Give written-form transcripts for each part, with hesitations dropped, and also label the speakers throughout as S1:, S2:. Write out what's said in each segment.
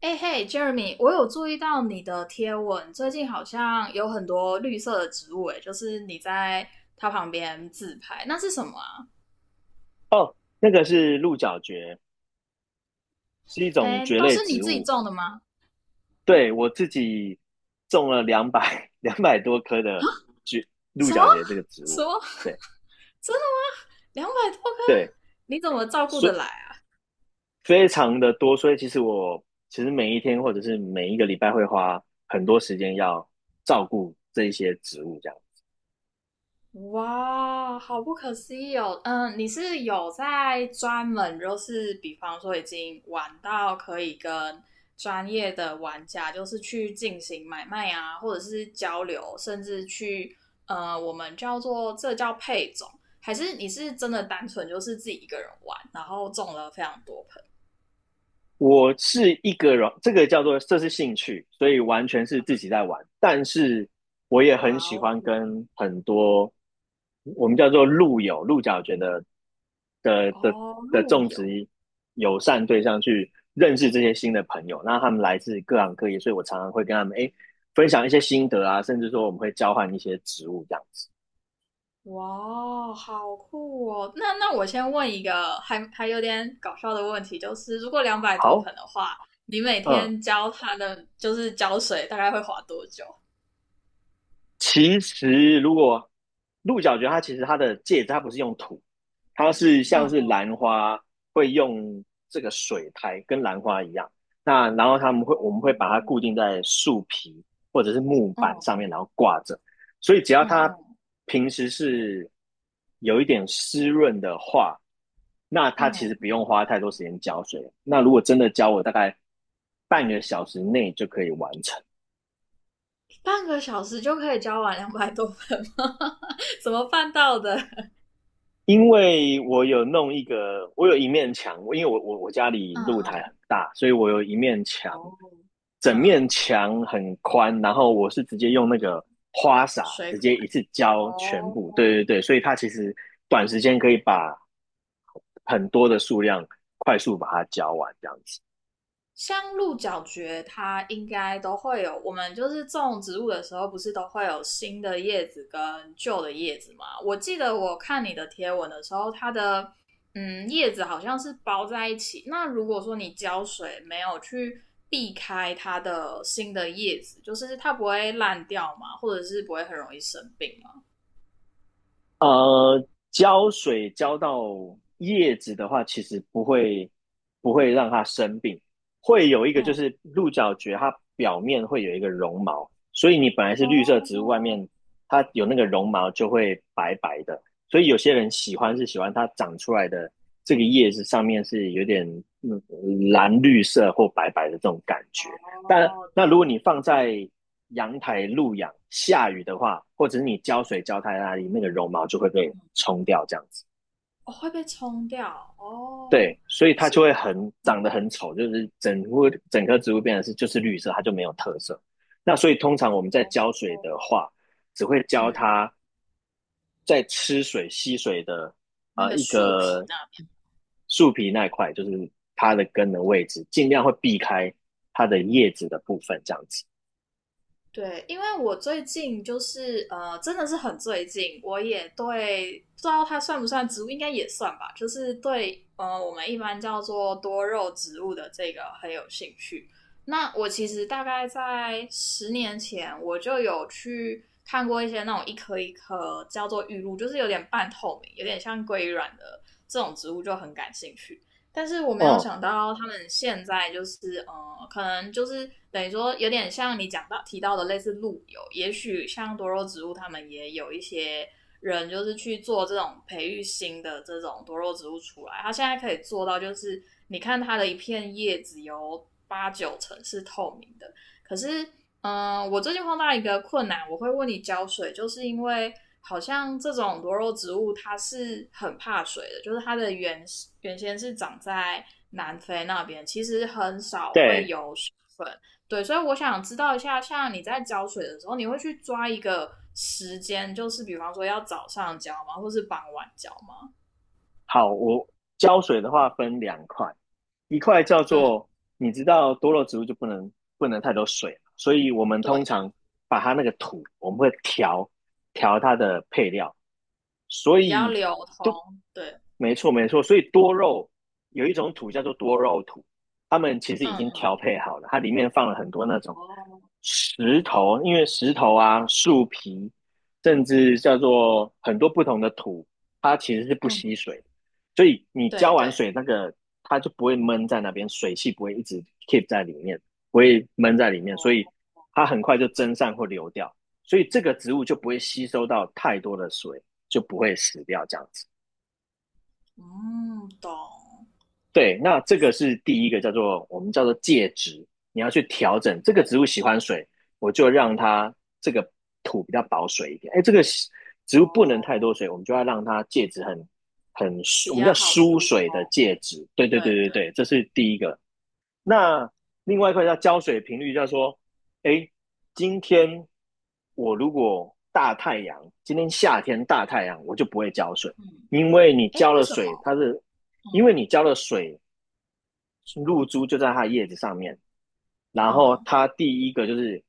S1: 哎嘿，Jeremy，我有注意到你的贴文，最近好像有很多绿色的植物，哎，就是你在它旁边自拍，那是什么啊？
S2: 哦，那个是鹿角蕨，是一种
S1: 哎，
S2: 蕨
S1: 都
S2: 类
S1: 是你
S2: 植
S1: 自己
S2: 物。
S1: 种的吗？
S2: 对，我自己种了两百 多棵的蕨鹿
S1: 什么？
S2: 角蕨这个植
S1: 什
S2: 物。
S1: 么？
S2: 对
S1: 真的吗？200多棵，
S2: 对，
S1: 你怎么照顾
S2: 所
S1: 得来？
S2: 非常的多，所以其实每一天或者是每一个礼拜会花很多时间要照顾这一些植物，这样。
S1: 哇，好不可思议哦！嗯，你是有在专门，就是比方说已经玩到可以跟专业的玩家，就是去进行买卖啊，或者是交流，甚至去我们叫做这叫配种，还是你是真的单纯就是自己一个人玩，然后种了非常多盆？
S2: 我是一个人，这个叫做这是兴趣，所以完全是自己在玩。但是我也很
S1: 哇
S2: 喜
S1: 哦，
S2: 欢跟很多我们叫做路友、鹿角蕨的的
S1: 哦，
S2: 的
S1: 陆
S2: 种
S1: 游。
S2: 植友善对象去认识这些新的朋友。那他们来自各行各业，所以我常常会跟他们分享一些心得啊，甚至说我们会交换一些植物这样子。
S1: 哇，好酷哦！那我先问一个还有点搞笑的问题，就是如果两百多
S2: 好，
S1: 盆的话，你每
S2: 嗯，
S1: 天浇它的就是浇水，大概会花多久？
S2: 其实如果鹿角蕨，它其实它的介质它不是用土，它是像是
S1: 嗯
S2: 兰花会用这个水苔跟兰花一样，那然后他们会我们会把它固定在树皮或者是木板上
S1: 嗯
S2: 面，然后挂着，所以只要它
S1: 嗯
S2: 平时是有一点湿润的话，那它
S1: 嗯
S2: 其实
S1: 嗯，
S2: 不用花太多时间浇水。那如果真的浇，我大概半个小时内就可以完成。
S1: 半个小时就可以浇完两百多盆吗？怎么办到的？
S2: 因为我有弄一个，我有一面墙，因为我家里
S1: 嗯
S2: 露台很
S1: 嗯
S2: 大，所以我有一面墙，
S1: 哦
S2: 整面
S1: 嗯，
S2: 墙很宽，然后我是直接用那个花洒
S1: 水
S2: 直接
S1: 管
S2: 一次浇全
S1: 哦，
S2: 部，对对对，所以它其实短时间可以把很多的数量快速把它浇完，这样子。
S1: 像鹿角蕨，它应该都会有。我们就是种植物的时候，不是都会有新的叶子跟旧的叶子吗？我记得我看你的贴文的时候，它的叶子好像是包在一起。那如果说你浇水没有去避开它的新的叶子，就是它不会烂掉嘛，或者是不会很容易生病嘛？
S2: 呃，浇水浇到叶子的话，其实不会让它生病，会有一个就
S1: 嗯，
S2: 是鹿角蕨，它表面会有一个绒毛，所以你本来是
S1: 哦，
S2: 绿色植物，外
S1: 哦，
S2: 面它有那个绒毛就会白白的，所以有些人喜
S1: 懂，
S2: 欢
S1: 嗯
S2: 是喜欢它长出来的这个叶子上面是有点蓝绿色或白白的这种感
S1: 哦
S2: 觉。但
S1: 哦
S2: 那如果
S1: 懂
S2: 你放在阳台露养，下雨的话，或者是你浇水浇太大里面的绒毛就会被冲掉，这样子。
S1: 哦会被冲掉哦，
S2: 对，所以它
S1: 是，
S2: 就会很长得
S1: 嗯
S2: 很丑，就是整棵植物变成就是绿色，它就没有特色。那所以通常我们在浇水
S1: 哦，
S2: 的话，只会浇
S1: 嗯，
S2: 它在吃水吸水的
S1: 那个
S2: 一
S1: 树皮
S2: 个
S1: 那
S2: 树皮那一块，就是它的根的位
S1: 边，
S2: 置，尽量会避开它的叶子的部分，这样子。
S1: 对，对，因为我最近就是真的是很最近，我也对不知道它算不算植物，应该也算吧，就是对我们一般叫做多肉植物的这个很有兴趣。那我其实大概在10年前，我就有去看过一些那种一颗一颗叫做玉露，就是有点半透明，有点像龟卵的这种植物，就很感兴趣。但是我没有
S2: 嗯，
S1: 想到他们现在就是可能就是等于说有点像你讲到提到的类似路由，也许像多肉植物他们也有一些人就是去做这种培育新的这种多肉植物出来，他现在可以做到就是你看它的一片叶子有八九成是透明的，可是我最近碰到一个困难，我会问你浇水，就是因为好像这种多肉植物它是很怕水的，就是它的原先是长在南非那边，其实很少会
S2: 对，
S1: 有水分。对，所以我想知道一下，像你在浇水的时候，你会去抓一个时间，就是比方说要早上浇吗，或是傍晚浇吗？
S2: 好，我浇水的话分两块，一块叫
S1: 嗯，
S2: 做你知道多肉植物就不能太多水嘛，所以我们
S1: 对，
S2: 通常把它那个土，我们会调它的配料，所
S1: 比较
S2: 以
S1: 流
S2: 都
S1: 通。对，
S2: 没错，没错。所以多肉有一种土叫做多肉土，他们其实已
S1: 嗯，
S2: 经调配好了，它里面放了很多那种
S1: 哦，
S2: 石头，因为石头啊、树皮，甚至叫做很多不同的土，它其实是不吸
S1: 嗯，
S2: 水的，所以你
S1: 对
S2: 浇
S1: 对，
S2: 完水，那个它就不会闷在那边，水汽不会一直 keep 在里面，不会闷在里面，所以
S1: 哦，
S2: 它很快就蒸散或流掉，所以这个植物就不会吸收到太多的水，就不会死掉这样子。
S1: 嗯，懂。
S2: 对，那这个是第一个叫做我们叫做介质，你要去调整这个植
S1: 对。
S2: 物喜欢水，我就让它这个土比较保水一点。哎，这个植物不能太
S1: 哦，
S2: 多水，我们就要让它介质很很
S1: 比
S2: 我们
S1: 较
S2: 叫
S1: 好
S2: 疏
S1: 疏
S2: 水的
S1: 通。
S2: 介质。对对对
S1: 对
S2: 对
S1: 对，
S2: 对，这是第一个。那另外一块叫浇水频率，叫做哎，今天我如果大太阳，今天夏天大太阳，我就不会浇水，
S1: 嗯，
S2: 因为你
S1: 哎，
S2: 浇
S1: 为
S2: 了
S1: 什
S2: 水，
S1: 么？
S2: 它是因
S1: 嗯
S2: 为你浇了水。露珠就在它的叶子上面。然后
S1: 嗯
S2: 它第一个就是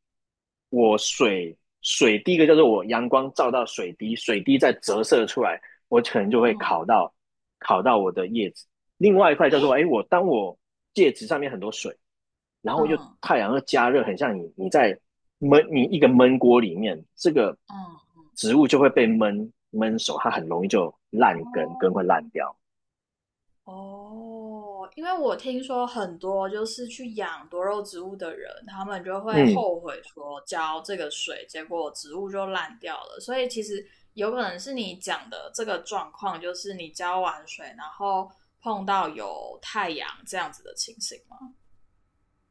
S2: 我水水，第一个叫做我阳光照到水滴，水滴再折射出来，我可能就会
S1: 嗯，
S2: 烤到我的叶子。另外一块叫
S1: 哎，
S2: 做，哎，我当我戒指上面很多水，然后又
S1: 嗯
S2: 太阳又加热，很像你在闷你一个闷锅里面，这个
S1: 嗯，
S2: 植物就会被闷熟，它很容易就烂根，
S1: 哦
S2: 根会烂掉。
S1: 哦，因为我听说很多就是去养多肉植物的人，他们就会
S2: 嗯，
S1: 后悔说浇这个水，结果植物就烂掉了。所以其实有可能是你讲的这个状况，就是你浇完水，然后碰到有太阳这样子的情形吗？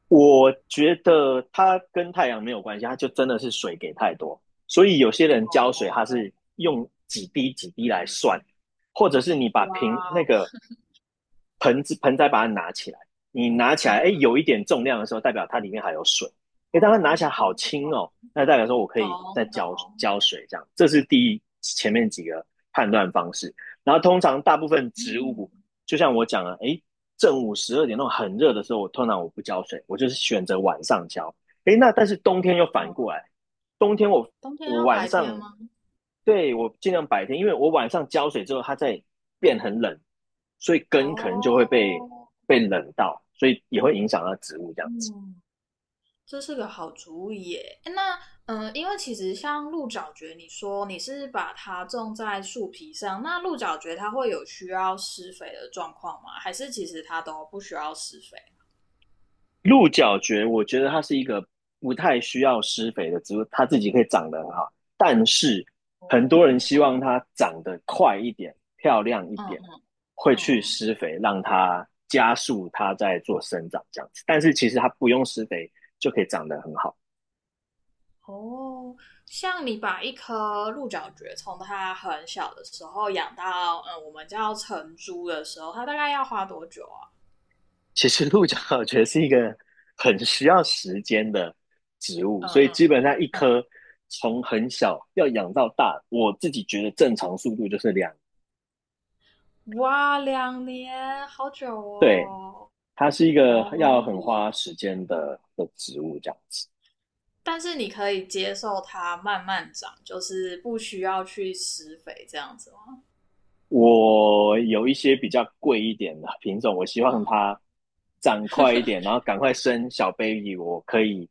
S2: 我觉得它跟太阳没有关系，它就真的是水给太多，所以有些人浇水，它是用几滴几滴来算，或者是你把
S1: 哇
S2: 瓶那
S1: 哦，
S2: 个盆子盆栽把它拿起来，你拿起
S1: 嗯
S2: 来，哎，
S1: 嗯，
S2: 有一点重量的时候，代表它里面还有水。哎，当它拿
S1: 哦，
S2: 起来好轻哦，那代表说我可
S1: 懂
S2: 以再浇
S1: 懂，
S2: 浇水这样。这是第一前面几个判断方式。然后通常大部分植
S1: 嗯
S2: 物，就像我讲了，哎，正午12点那种很热的时候，我通常不浇水，我就是选择晚上浇。哎，那但是冬天又反过
S1: 嗯，
S2: 来，冬天我
S1: 冬天
S2: 我
S1: 要
S2: 晚
S1: 白天
S2: 上
S1: 吗？
S2: 对，我尽量白天，因为我晚上浇水之后，它在变很冷，所以根可能就会被
S1: 哦，
S2: 被冷到，所以也会影响到植物这样子。
S1: 嗯，这是个好主意耶。诶那因为其实像鹿角蕨，你说你是把它种在树皮上，那鹿角蕨它会有需要施肥的状况吗？还是其实它都不需要施肥？
S2: 鹿角蕨，我觉得它是一个不太需要施肥的植物，它自己可以长得很好，但是
S1: 哦
S2: 很多人希
S1: 哦，
S2: 望它长得快一点、漂亮一
S1: 嗯
S2: 点，
S1: 嗯
S2: 会
S1: 嗯
S2: 去
S1: 嗯，
S2: 施肥，让它加速它在做生长这样子。但是其实它不用施肥就可以长得很好。
S1: 哦，像你把一颗鹿角蕨从它很小的时候养到我们叫成株的时候，它大概要花多久啊？
S2: 其实鹿角 我觉得是一个很需要时间的植物，
S1: 嗯
S2: 所以基
S1: 嗯
S2: 本上一
S1: 嗯，
S2: 颗从很小要养到大，我自己觉得正常速度就是两，
S1: 哇，2年，好久
S2: 对，
S1: 哦。
S2: 它是一个要
S1: 哦，
S2: 很
S1: 理
S2: 花
S1: 解。
S2: 时间的植物这样子。
S1: 但是你可以接受它慢慢长，就是不需要去施肥这样子吗？
S2: 我有一些比较贵一点的品种，我希望
S1: 嗯，
S2: 它长快一点，然后赶快生小 baby,我可以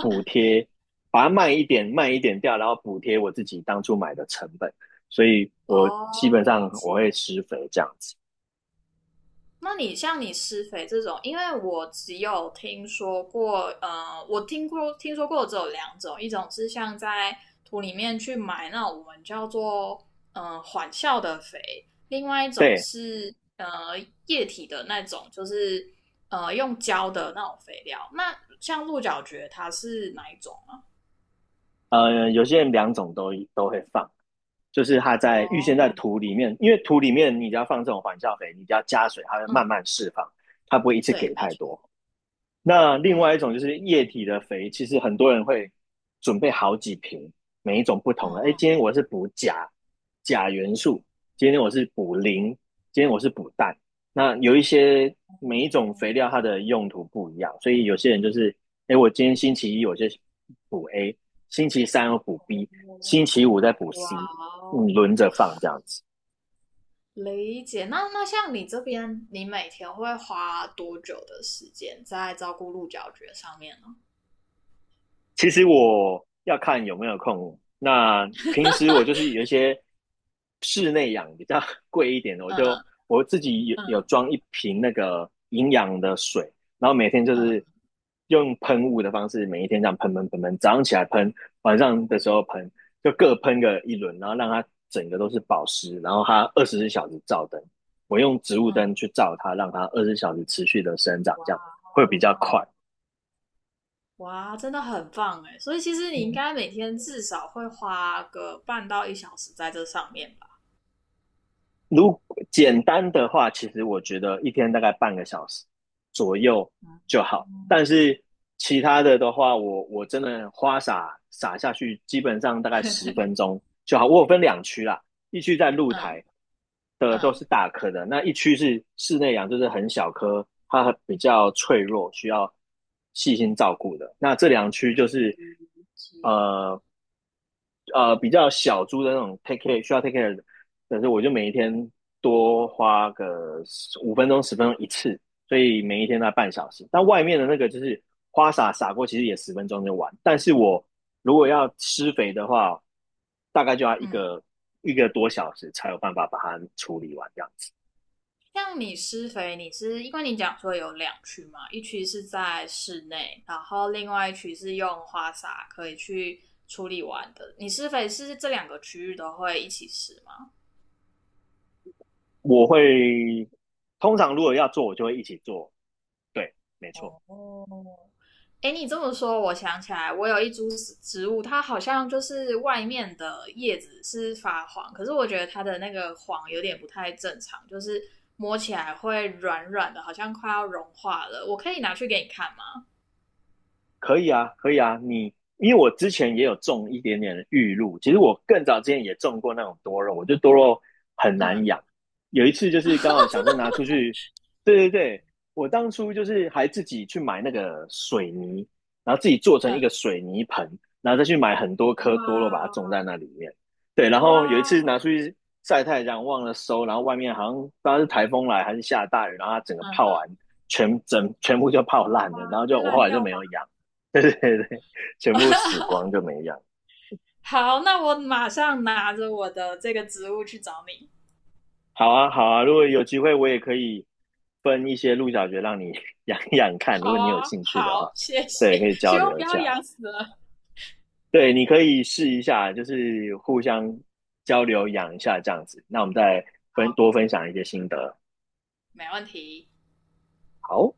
S2: 补贴，把它卖一点掉，然后补贴我自己当初买的成本。所以我基
S1: 哦，
S2: 本上
S1: 理
S2: 我
S1: 解。
S2: 会施肥这样子。
S1: 那你像你施肥这种，因为我只有听说过，我听说过只有两种，一种是像在土里面去埋那种我们叫做缓效的肥，另外一种
S2: 对，
S1: 是液体的那种，就是用胶的那种肥料。那像鹿角蕨它是哪一种啊？
S2: 呃，有些人两种都会放，就是它
S1: 哇
S2: 在预先在
S1: 哦，
S2: 土里面，因为土里面你只要放这种缓效肥，你只要加水，它会
S1: 嗯，
S2: 慢慢释放，它不会一次给
S1: 对，没
S2: 太多。
S1: 错，
S2: 那另外
S1: 嗯
S2: 一种就是液体的肥，其实很多人会准备好几瓶，每一种不同
S1: 嗯
S2: 的。哎，今天我是补钾元素，今天我是补磷，今天我是补氮。那有一些每一种肥料它的用途不一样，所以有些人就是，哎，我今天星期一我就补 A,星期三我补 B,
S1: 嗯，
S2: 星期五再补
S1: 哇
S2: C,
S1: 哦，
S2: 轮着放这样子。
S1: 理解。那像你这边，你每天会花多久的时间在照顾鹿角蕨上面呢？
S2: 其实我要看有没有空。那平时我就是有一些室内养比较 贵一点的，
S1: 嗯嗯
S2: 我自己有
S1: 嗯
S2: 有装一瓶那个营养的水，然后每天就
S1: 嗯
S2: 是用喷雾的方式，每一天这样喷喷喷喷，早上起来喷，晚上的时候喷，就各喷个一轮，然后让它整个都是保湿，然后它二十四小时照灯，我用植物
S1: 嗯，
S2: 灯去照它，让它二十四小时持续的生长，
S1: 哇
S2: 这样会比较快。
S1: 哇，真的很棒哎！所以其实你应
S2: 嗯
S1: 该每天至少会花个半到一小时在这上面吧？
S2: 如简单的话，其实我觉得一天大概半个小时左右
S1: 嗯
S2: 就好。但是其他的话，我真的花洒洒下去，基本上大概十 分钟就好。我有分两区啦，一区在露
S1: 嗯嗯，
S2: 台的都
S1: 嗯。
S2: 是大颗的，那一区是室内养，就是很小颗，它比较脆弱，需要细心照顾的。那这两区就是呃比较小猪的那种 take care 的，但是我就每一天多花个5分钟10分钟一次，所以每一天大概半小时。但外面的那个就是花洒洒过，其实也十分钟就完。但是我如果要施肥的话，大概就要
S1: 嗯
S2: 一个多小时才有办法把它处理完这样子。
S1: 像你施肥，你是因为你讲说有两区嘛，一区是在室内，然后另外一区是用花洒可以去处理完的。你施肥是这两个区域都会一起施吗？
S2: 我会通常如果要做，我就会一起做。对，没错。
S1: 哦，哎，你这么说，我想起来，我有一株植物，它好像就是外面的叶子是发黄，可是我觉得它的那个黄有点不太正常，就是摸起来会软软的，好像快要融化了。我可以拿去给你看吗？
S2: 可以啊，可以啊，你因为我之前也有种一点点的玉露，其实我更早之前也种过那种多肉，我觉得多肉很难
S1: 嗯
S2: 养。有一次就是刚好想说拿出去，对对对，我当初就是还自己去买那个水泥，然后自己做成一个
S1: 嗯，
S2: 水泥盆，然后再去买很多颗多肉把它
S1: 哇，
S2: 种在那里面。对，然后有一
S1: 哇，
S2: 次拿出去晒太阳忘了收，然后外面好像不知道是台风来还是下大雨，然后它整个
S1: 嗯，
S2: 泡完全部就泡烂
S1: 哇，
S2: 了，然后
S1: 会
S2: 就我后
S1: 烂
S2: 来就
S1: 掉
S2: 没
S1: 吧？
S2: 有养。对对对，全部死 光就没养。
S1: 好，那我马上拿着我的这个植物去找你。
S2: 好啊，好啊，如果有机会，我也可以分一些鹿角蕨让你 养一养看，如
S1: 好
S2: 果你有
S1: 啊，
S2: 兴趣的
S1: 好，
S2: 话，
S1: 谢
S2: 对，可
S1: 谢，
S2: 以交
S1: 希望
S2: 流
S1: 不
S2: 一
S1: 要
S2: 下。
S1: 养死了。
S2: 对，你可以试一下，就是互相交流养一下这样子。那我们再
S1: 好，
S2: 多分享一些心得。
S1: 没问题。
S2: 好。